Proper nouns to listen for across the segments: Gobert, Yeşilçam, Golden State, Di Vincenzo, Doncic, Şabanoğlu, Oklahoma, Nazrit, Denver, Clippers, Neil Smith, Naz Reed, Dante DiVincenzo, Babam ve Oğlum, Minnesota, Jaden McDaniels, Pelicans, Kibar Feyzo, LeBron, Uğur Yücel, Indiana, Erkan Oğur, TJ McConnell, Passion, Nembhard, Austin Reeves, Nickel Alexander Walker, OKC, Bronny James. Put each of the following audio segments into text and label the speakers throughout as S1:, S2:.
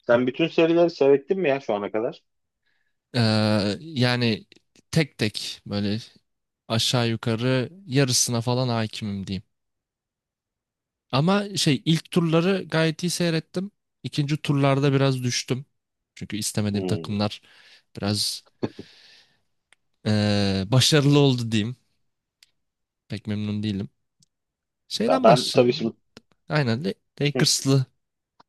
S1: Sen bütün serileri seyrettin mi ya şu ana kadar?
S2: Yani tek tek böyle aşağı yukarı yarısına falan hakimim diyeyim. Ama şey ilk turları gayet iyi seyrettim. İkinci turlarda biraz düştüm. Çünkü istemediğim
S1: Hmm.
S2: takımlar biraz başarılı oldu diyeyim. Pek memnun değilim.
S1: Ya
S2: Şeyden
S1: ben tabii
S2: başlayalım.
S1: şimdi.
S2: Aynen
S1: Hı.
S2: Lakers'lı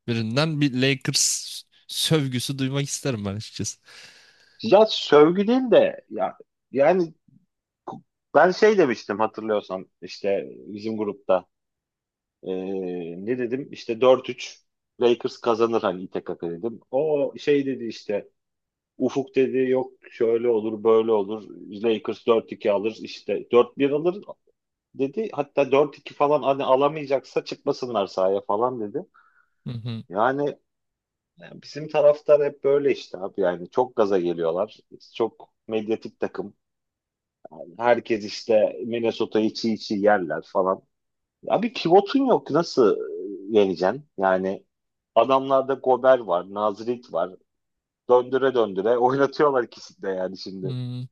S2: birinden bir Lakers sövgüsü duymak isterim ben açıkçası.
S1: Ya sövgü değil de ya, yani ku- ben şey demiştim, hatırlıyorsan işte bizim grupta. Ne dedim işte, dört üç Lakers kazanır hani, İTKK dedim. O şey dedi işte. Ufuk dedi, yok, şöyle olur böyle olur, Lakers dört iki alır işte, dört bir alır dedi. Hatta dört iki falan hani alamayacaksa çıkmasınlar sahaya falan dedi.
S2: Hı hı.
S1: Yani Yani bizim taraftar hep böyle işte abi, yani çok gaza geliyorlar. Çok medyatik takım. Herkes işte Minnesota'yı çiğ çiğ yerler falan. Abi pivotun yok, nasıl yeneceksin? Yani adamlarda Gober var, Nazirik var. Döndüre döndüre oynatıyorlar ikisini de yani şimdi.
S2: Hmm.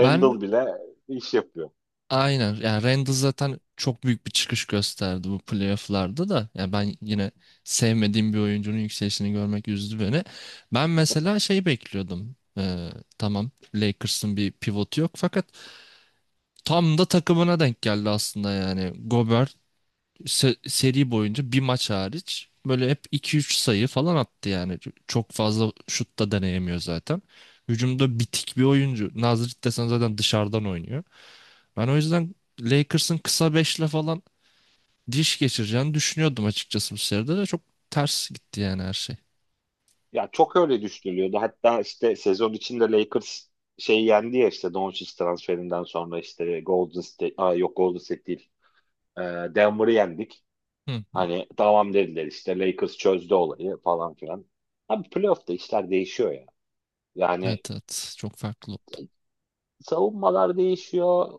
S2: Ben
S1: bile iş yapıyor.
S2: Aynen. Yani Randall zaten çok büyük bir çıkış gösterdi bu playoff'larda da. Yani ben yine sevmediğim bir oyuncunun yükselişini görmek üzdü beni. Ben mesela şey bekliyordum. Tamam, Lakers'ın bir pivotu yok fakat tam da takımına denk geldi aslında yani. Gobert seri boyunca bir maç hariç böyle hep iki üç sayı falan attı yani. Çok fazla şut da deneyemiyor zaten. Hücumda bitik bir oyuncu. Nazrit desen zaten dışarıdan oynuyor. Ben o yüzden Lakers'ın kısa beşle falan diş geçireceğini düşünüyordum açıkçası, bu seride de çok ters gitti yani her şey.
S1: Ya çok öyle düşünülüyordu. Hatta işte sezon içinde Lakers şey yendi ya, işte Doncic transferinden sonra işte Golden State, aa yok, Golden State değil. Ee, Denver'ı yendik.
S2: Hı hı.
S1: Hani tamam dediler işte, Lakers çözdü olayı falan filan. Abi playoff'ta işler değişiyor ya. Yani
S2: Evet, evet, çok farklı oldu.
S1: savunmalar değişiyor.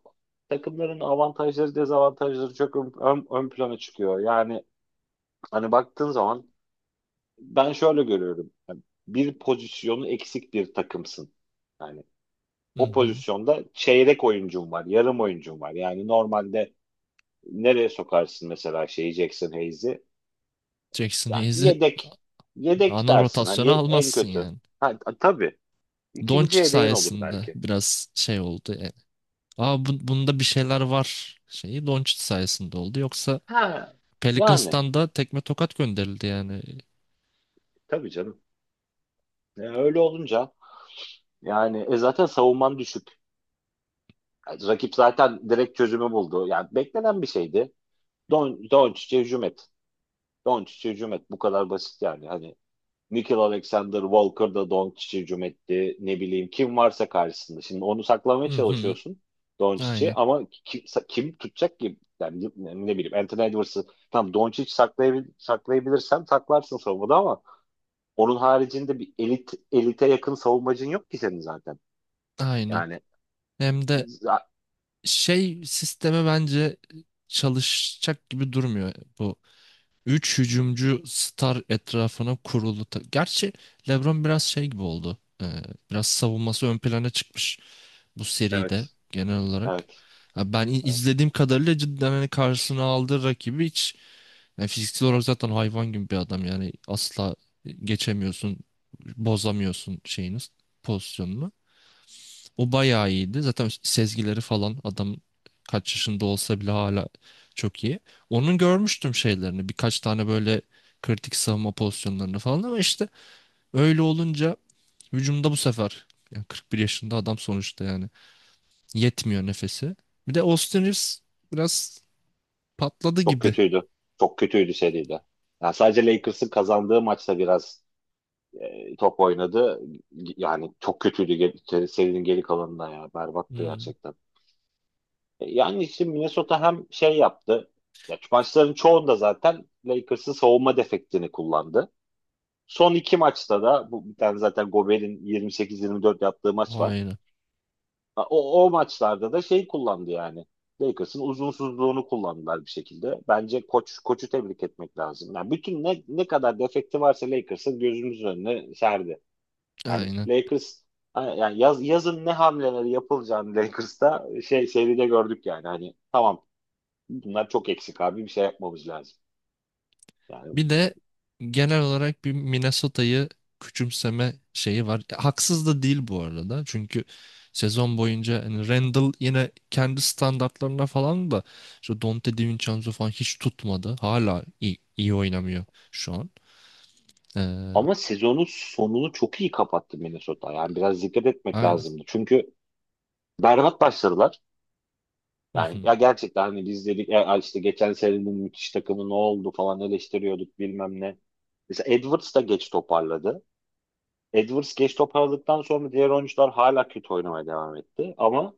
S1: Takımların avantajları dezavantajları çok ön plana çıkıyor. Yani hani baktığın zaman ben şöyle görüyorum. Yani bir pozisyonu eksik bir takımsın. Yani
S2: Hı
S1: o
S2: hı.
S1: pozisyonda çeyrek oyuncum var, yarım oyuncum var. Yani normalde nereye sokarsın mesela şeyi, Jackson Hayes'i?
S2: Jackson
S1: Yani
S2: Hayes'i
S1: yedek,
S2: ana
S1: dersin hani,
S2: rotasyona
S1: en
S2: almazsın
S1: kötü.
S2: yani.
S1: Ha, tabii ikinci
S2: Doncic
S1: yedeğin olur
S2: sayesinde
S1: belki.
S2: biraz şey oldu yani. Aa, bunda bir şeyler var, şeyi Doncic sayesinde oldu. Yoksa
S1: Ha yani,
S2: Pelicans'tan da tekme tokat gönderildi yani.
S1: tabii canım. Öyle olunca yani, zaten savunman düşük. Yani rakip zaten direkt çözümü buldu. Yani beklenen bir şeydi. Doncic'e hücum et. Doncic'e hücum et. Bu kadar basit yani. Hani Nickel Alexander Walker da Doncic'e hücum etti. Ne bileyim kim varsa karşısında. Şimdi onu saklamaya
S2: Hı hı.
S1: çalışıyorsun Doncic'i,
S2: Aynen,
S1: ama kim tutacak ki? Yani ne bileyim Anthony Edwards'ı tam Doncic saklayabilirsen saklarsın savunmada, ama onun haricinde bir elite yakın savunmacın yok ki senin zaten.
S2: aynen.
S1: Yani
S2: Hem de
S1: za-
S2: şey sisteme bence çalışacak gibi durmuyor bu. Üç hücumcu star etrafına kurulu. Gerçi LeBron biraz şey gibi oldu. Biraz savunması ön plana çıkmış bu seride
S1: evet,
S2: genel olarak.
S1: evet,
S2: Ha, ben
S1: evet.
S2: izlediğim kadarıyla cidden hani karşısına aldığı rakibi hiç, yani fiziksel olarak zaten hayvan gibi bir adam yani, asla geçemiyorsun, bozamıyorsun şeyiniz pozisyonunu. O bayağı iyiydi. Zaten sezgileri falan adam kaç yaşında olsa bile hala çok iyi. Onun görmüştüm şeylerini. Birkaç tane böyle kritik savunma pozisyonlarını falan, ama işte öyle olunca hücumda bu sefer yani 41 yaşında adam sonuçta yani, yetmiyor nefesi. Bir de Austin Reeves biraz patladı
S1: Çok
S2: gibi.
S1: kötüydü. Çok kötüydü seride. Yani sadece Lakers'ın kazandığı maçta biraz top oynadı. Yani çok kötüydü serinin geri kalanında ya. Berbattı
S2: Hmm,
S1: gerçekten. Yani işte Minnesota hem şey yaptı. Ya, şu maçların çoğunda zaten Lakers'ın savunma defektini kullandı. Son iki maçta da bu, bir tane zaten Gobert'in 28-24 yaptığı maç var.
S2: aynen.
S1: Ha, o maçlarda da şey kullandı yani. Lakers'ın uzunsuzluğunu kullandılar bir şekilde. Bence koçu tebrik etmek lazım. Yani bütün ne kadar defekti varsa Lakers'ın, gözümüzün önüne serdi. Yani
S2: Aynen.
S1: Lakers, yani yazın ne hamleleri yapılacağını Lakers'ta şey, seride gördük yani. Hani tamam, bunlar çok eksik abi, bir şey yapmamız lazım. Yani
S2: Bir de genel olarak bir Minnesota'yı küçümseme şeyi var. Haksız da değil bu arada. Çünkü sezon boyunca hani Randall yine kendi standartlarına falan da işte Dante DiVincenzo falan hiç tutmadı. Hala iyi oynamıyor şu an. Ee,
S1: ama sezonun sonunu çok iyi kapattı Minnesota. Yani biraz dikkat etmek
S2: aynen.
S1: lazımdı. Çünkü berbat başladılar.
S2: Hı
S1: Yani
S2: hı.
S1: ya gerçekten, hani biz dedik ya işte, geçen senenin müthiş takımı ne oldu falan eleştiriyorduk bilmem ne. Mesela Edwards da geç toparladı. Edwards geç toparladıktan sonra diğer oyuncular hala kötü oynamaya devam etti. Ama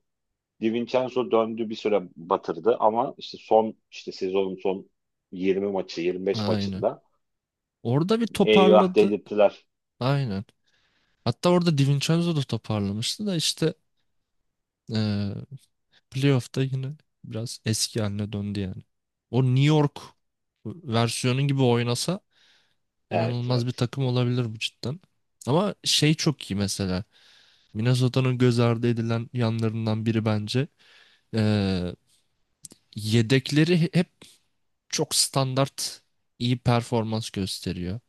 S1: Di Vincenzo döndü, bir süre batırdı, ama işte son, işte sezonun son 20 maçı 25
S2: Aynen.
S1: maçında
S2: Orada bir
S1: eyvah
S2: toparladı.
S1: dedirttiler.
S2: Aynen. Hatta orada DiVincenzo da toparlamıştı da işte, ee, playoff'ta yine biraz eski haline döndü yani. O New York versiyonu gibi oynasa
S1: Evet,
S2: inanılmaz bir
S1: evet.
S2: takım olabilir bu cidden. Ama şey çok iyi mesela. Minnesota'nın göz ardı edilen yanlarından biri bence. Ee, Yedekleri hep çok standart iyi performans gösteriyor.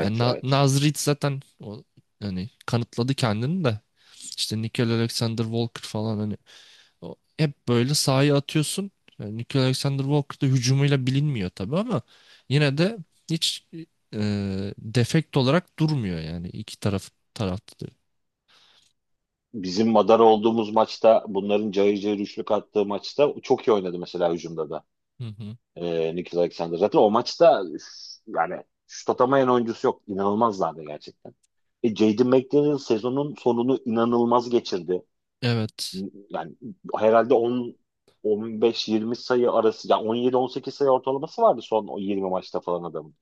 S2: Yani
S1: evet.
S2: Naz Reed zaten o, hani kanıtladı kendini de. İşte Nickel Alexander Walker falan hani, o hep böyle sahaya atıyorsun. Yani Nikola Alexander Walker da hücumuyla bilinmiyor tabii ama yine de hiç e, defekt olarak durmuyor yani iki taraf tarafta da.
S1: Bizim madar olduğumuz maçta, bunların cayır cayır üçlük attığı maçta çok iyi oynadı mesela hücumda da.
S2: Hı hı.
S1: Nikhil Alexander. Zaten o maçta üf, yani şut atamayan oyuncusu yok. İnanılmazlardı gerçekten. Jaden McDaniel sezonun sonunu inanılmaz geçirdi.
S2: Evet.
S1: Yani herhalde 10, 15-20 sayı arası, yani 17-18 sayı ortalaması vardı son o 20 maçta falan adamın.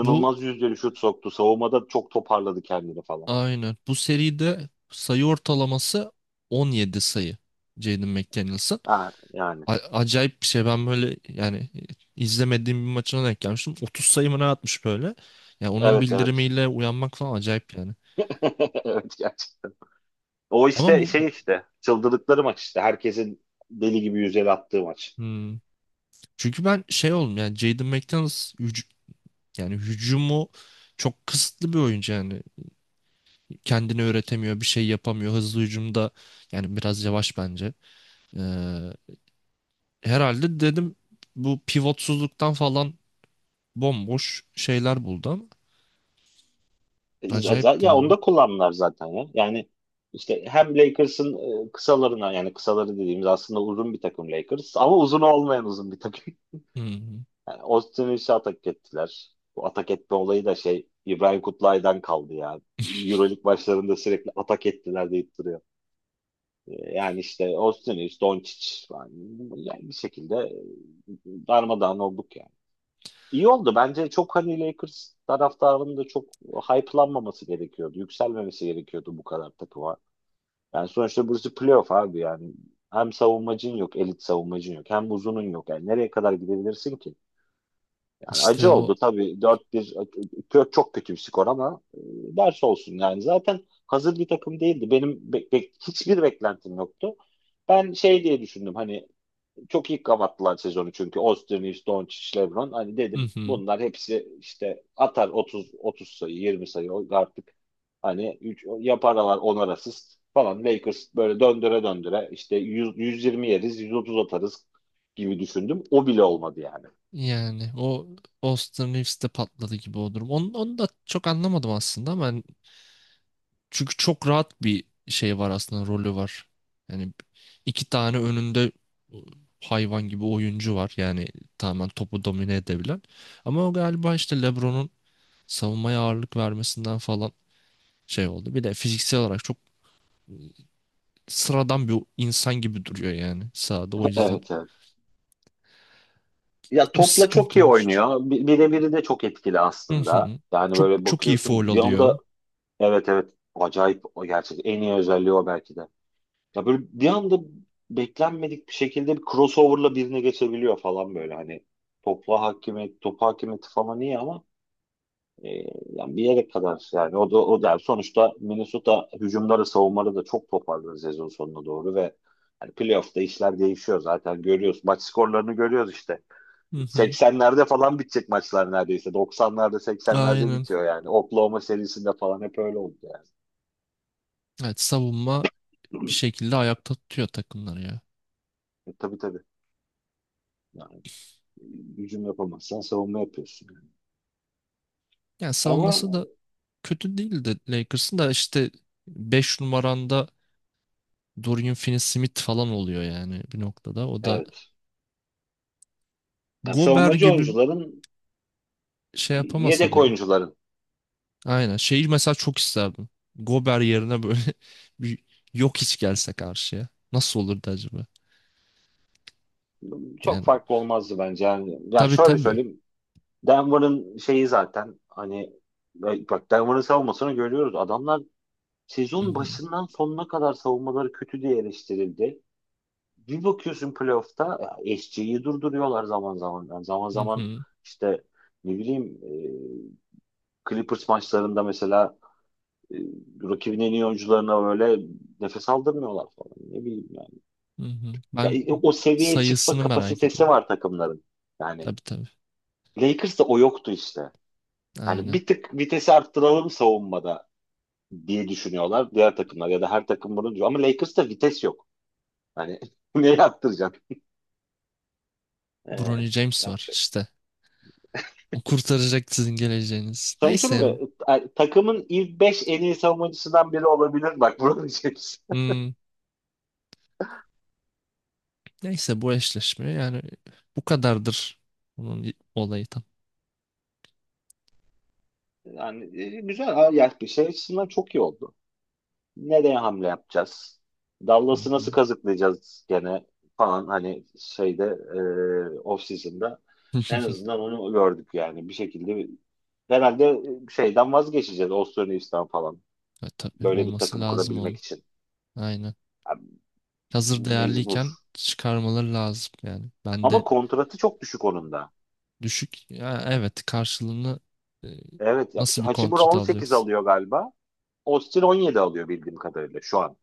S2: Bu
S1: yüzdeli şut soktu. Savunmada çok toparladı kendini falan.
S2: aynen. Bu seride sayı ortalaması 17 sayı. Jaden McDaniels'ın.
S1: Ha, yani.
S2: Acayip bir şey. Ben böyle yani izlemediğim bir maçına denk gelmiştim. 30 sayı mı ne atmış böyle. Ya onun
S1: Evet, evet.
S2: bildirimiyle uyanmak falan acayip yani.
S1: Evet, gerçekten. O
S2: Ama
S1: işte
S2: bu,
S1: şey, işte çıldırdıkları maç işte. Herkesin deli gibi yüzeli attığı maç.
S2: hmm. Çünkü ben şey oldum yani Jaden McDaniels, yani hücumu çok kısıtlı bir oyuncu yani. Kendini öğretemiyor, bir şey yapamıyor. Hızlı hücumda yani biraz yavaş bence. Ee, Herhalde dedim bu pivotsuzluktan falan bomboş şeyler buldu ama acayipti
S1: Ya onu
S2: yani.
S1: da kullandılar zaten ya. Yani işte hem Lakers'ın kısalarına, yani kısaları dediğimiz aslında uzun bir takım Lakers, ama uzun olmayan uzun bir takım.
S2: Hı hı.
S1: Yani Austin Reeves'e atak ettiler. Bu atak etme olayı da şey, İbrahim Kutlay'dan kaldı ya. Euroleague başlarında sürekli atak ettiler deyip duruyor. Yani işte Austin Reeves, Doncic falan. Yani bir şekilde darmadağın olduk yani. İyi oldu. Bence çok hani Lakers taraftarının da çok hype'lanmaması gerekiyordu. Yükselmemesi gerekiyordu bu kadar takıma. Yani sonuçta burası playoff abi yani. Hem savunmacın yok, elit savunmacın yok. Hem uzunun yok. Yani nereye kadar gidebilirsin ki? Yani
S2: İşte
S1: acı
S2: o,
S1: oldu tabii, dört bir, çok kötü bir skor, ama ders olsun yani. Zaten hazır bir takım değildi. Benim hiçbir beklentim yoktu. Ben şey diye düşündüm, hani çok iyi kapattılar sezonu, çünkü Osterniz, Doncic, LeBron, hani
S2: hı
S1: dedim
S2: hı.
S1: bunlar hepsi işte atar 30, 30 sayı, 20 sayı artık, hani 3 yaparlar, onar asist falan, Lakers böyle döndüre döndüre işte 100, 120 yeriz, 130 atarız gibi düşündüm. O bile olmadı yani.
S2: Yani o Austin Reeves'te patladı gibi o durum. Onu da çok anlamadım aslında ama hani, çünkü çok rahat bir şey var aslında, rolü var. Yani iki tane önünde e, hayvan gibi oyuncu var. Yani tamamen topu domine edebilen. Ama o galiba işte LeBron'un savunmaya ağırlık vermesinden falan şey oldu. Bir de fiziksel olarak çok sıradan bir insan gibi duruyor yani sahada o yüzden.
S1: Evet, evet. Ya
S2: O
S1: topla çok
S2: sıkıntı
S1: iyi
S2: olmuştur.
S1: oynuyor. Birebiri de çok etkili
S2: Hı
S1: aslında.
S2: hı.
S1: Yani
S2: Çok
S1: böyle
S2: çok iyi
S1: bakıyorsun
S2: faul
S1: bir
S2: alıyor.
S1: anda, evet, evet, acayip, o gerçek en iyi özelliği o belki de. Ya böyle bir anda beklenmedik bir şekilde bir crossover'la birine geçebiliyor falan, böyle hani topla hakimiyet, top hakimiyeti falan iyi, ama e, yani bir yere kadar, yani o da yani sonuçta Minnesota hücumları, savunmaları da çok toparladı sezon sonuna doğru ve hani playoff'ta işler değişiyor zaten, görüyoruz. Maç skorlarını görüyoruz işte.
S2: Hı hı.
S1: 80'lerde falan bitecek maçlar neredeyse. 90'larda, 80'lerde
S2: Aynen.
S1: bitiyor yani. Oklahoma serisinde falan hep öyle oldu yani.
S2: Evet, savunma bir şekilde ayakta tutuyor takımları ya.
S1: Tabii, tabii. Yani, hücum yapamazsan savunma yapıyorsun. Yani.
S2: Yani
S1: Ama
S2: savunması da kötü değildi Lakers'ın da, işte 5 numaranda Dorian Finney-Smith falan oluyor yani bir noktada. O da
S1: evet. Yani
S2: Gober
S1: savunmacı
S2: gibi
S1: oyuncuların,
S2: şey yapamasa
S1: yedek
S2: bile.
S1: oyuncuların
S2: Aynen. Şeyi mesela çok isterdim. Gober yerine böyle bir yok hiç gelse karşıya. Nasıl olurdu acaba?
S1: çok
S2: Yani
S1: farklı olmazdı bence. Yani
S2: tabii,
S1: şöyle
S2: tabii.
S1: söyleyeyim. Denver'ın şeyi zaten, hani bak, Denver'ın savunmasını görüyoruz. Adamlar
S2: Hı
S1: sezon
S2: hı,
S1: başından sonuna kadar savunmaları kötü diye eleştirildi. Bir bakıyorsun playoff'ta SG'yi durduruyorlar zaman zaman. Yani zaman
S2: hı
S1: zaman
S2: hı,
S1: işte ne bileyim, Clippers maçlarında mesela, e, rakibin en iyi oyuncularına böyle nefes aldırmıyorlar falan. Ne bileyim yani.
S2: hı hı.
S1: Ya,
S2: Ben
S1: o seviyeye çıkma
S2: sayısını merak
S1: kapasitesi
S2: ediyorum.
S1: var takımların. Yani
S2: Tabii, tabii.
S1: Lakers'ta o yoktu işte. Yani
S2: Aynen.
S1: bir tık vitesi arttıralım savunmada diye düşünüyorlar diğer takımlar, ya da her takım bunu diyor. Ama Lakers'ta vites yok. Yani neye arttıracaksın? Ee,
S2: Bronny James
S1: yap-
S2: var işte. O kurtaracak sizin geleceğiniz.
S1: Sana bir şey
S2: Neyse.
S1: söyleyeyim mi? Takımın ilk 5 en iyi savunmacısından biri olabilir. Bak, bunu diyeceksin.
S2: hmm, Neyse, bu eşleşme yani bu kadardır onun olayı tam.
S1: Yani güzel. Ha, ya bir şey açısından çok iyi oldu. Nereye hamle yapacağız?
S2: Hı
S1: Dallas'ı nasıl
S2: hı.
S1: kazıklayacağız gene falan, hani şeyde, off season'da en azından onu gördük, yani bir şekilde, herhalde şeyden vazgeçeceğiz, Austin Reeves'ten falan
S2: Tabii,
S1: böyle bir
S2: olması
S1: takım
S2: lazım
S1: kurabilmek
S2: onun.
S1: için.
S2: Aynen.
S1: Yani
S2: Hazır
S1: mecbur,
S2: değerliyken çıkarmaları lazım yani. Ben de
S1: ama kontratı çok düşük onun da.
S2: düşük. Ya, evet, karşılığını e,
S1: Evet ya,
S2: nasıl bir
S1: Hachimura
S2: kontrat
S1: 18
S2: alacaksın?
S1: alıyor galiba, Austin 17 alıyor bildiğim kadarıyla şu an.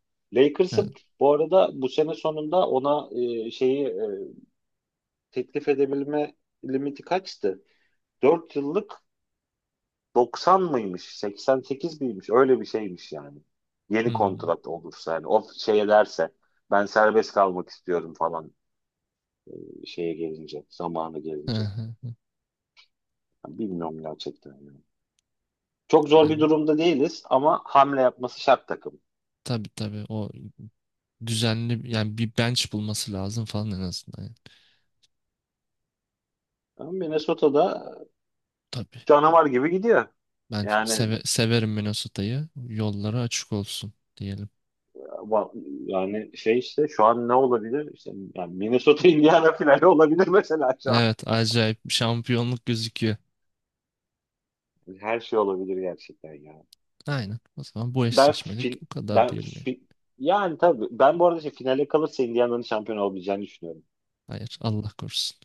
S2: Evet.
S1: Lakers'ın bu arada bu sene sonunda ona şeyi, teklif edebilme limiti kaçtı? 4 yıllık 90 mıymış? 88 miymiş? Öyle bir şeymiş yani. Yeni
S2: Hmm.
S1: kontrat olursa, yani o şey ederse, ben serbest kalmak istiyorum falan, şeye gelince, zamanı
S2: Hı
S1: gelince.
S2: hı.
S1: Yani bilmiyorum gerçekten. Yani. Çok zor
S2: Yani
S1: bir
S2: o,
S1: durumda değiliz ama hamle yapması şart takım.
S2: tabii, tabii, o düzenli yani bir bench bulması lazım falan en azından. Yani.
S1: Ama Minnesota'da
S2: Tabii.
S1: canavar gibi gidiyor.
S2: Ben
S1: Yani.
S2: severim Minnesota'yı. Yolları açık olsun diyelim.
S1: Ama. Yani şey işte şu an ne olabilir? İşte yani Minnesota Indiana finali olabilir mesela şu an.
S2: Evet, acayip bir şampiyonluk gözüküyor.
S1: Her şey olabilir gerçekten ya.
S2: Aynen. O zaman bu
S1: Ben
S2: eşleşmelik
S1: fin,
S2: bu kadar
S1: ben
S2: diyelim ya.
S1: fin- Yani tabii, ben bu arada şey, finale kalırsa Indiana'nın şampiyon olabileceğini düşünüyorum.
S2: Hayır, Allah korusun.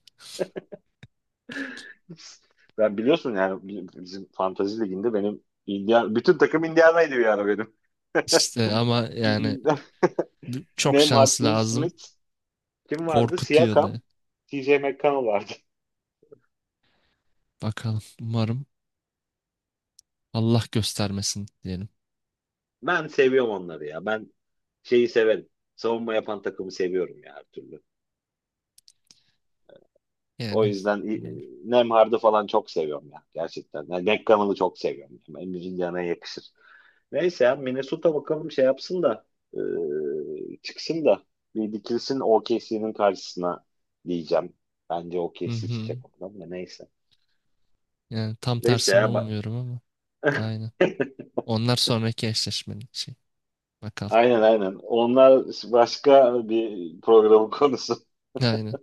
S1: Ben biliyorsun, yani bizim Fantasy Ligi'nde benim Indiana, bütün takım Indiana'ydı bir ara benim.
S2: İşte ama yani çok
S1: Nembhard,
S2: şans
S1: Neil
S2: lazım.
S1: Smith, kim vardı?
S2: Korkutuyor
S1: Siakam,
S2: da.
S1: TJ McConnell vardı.
S2: Bakalım, umarım Allah göstermesin diyelim.
S1: Ben seviyorum onları ya. Ben şeyi severim. Savunma yapan takımı seviyorum ya, her türlü. O
S2: Yani
S1: yüzden
S2: bilmiyorum.
S1: Nemhard'ı falan çok seviyorum ya gerçekten. Yani Nekkan'ı çok seviyorum. Yani Emre'nin yanına yakışır. Neyse ya, Minnesota bakalım şey yapsın da, e, çıksın da, bir dikilsin OKC'nin karşısına diyeceğim. Bence
S2: Hı
S1: OKC çıkacak
S2: hı.
S1: ondan da, neyse.
S2: Yani tam
S1: Neyse
S2: tersini
S1: ya, bak.
S2: umuyorum ama. Aynen. Onlar sonraki eşleşmenin şey. Bakalım.
S1: Aynen, aynen. Onlar başka bir programın konusu.
S2: Aynen.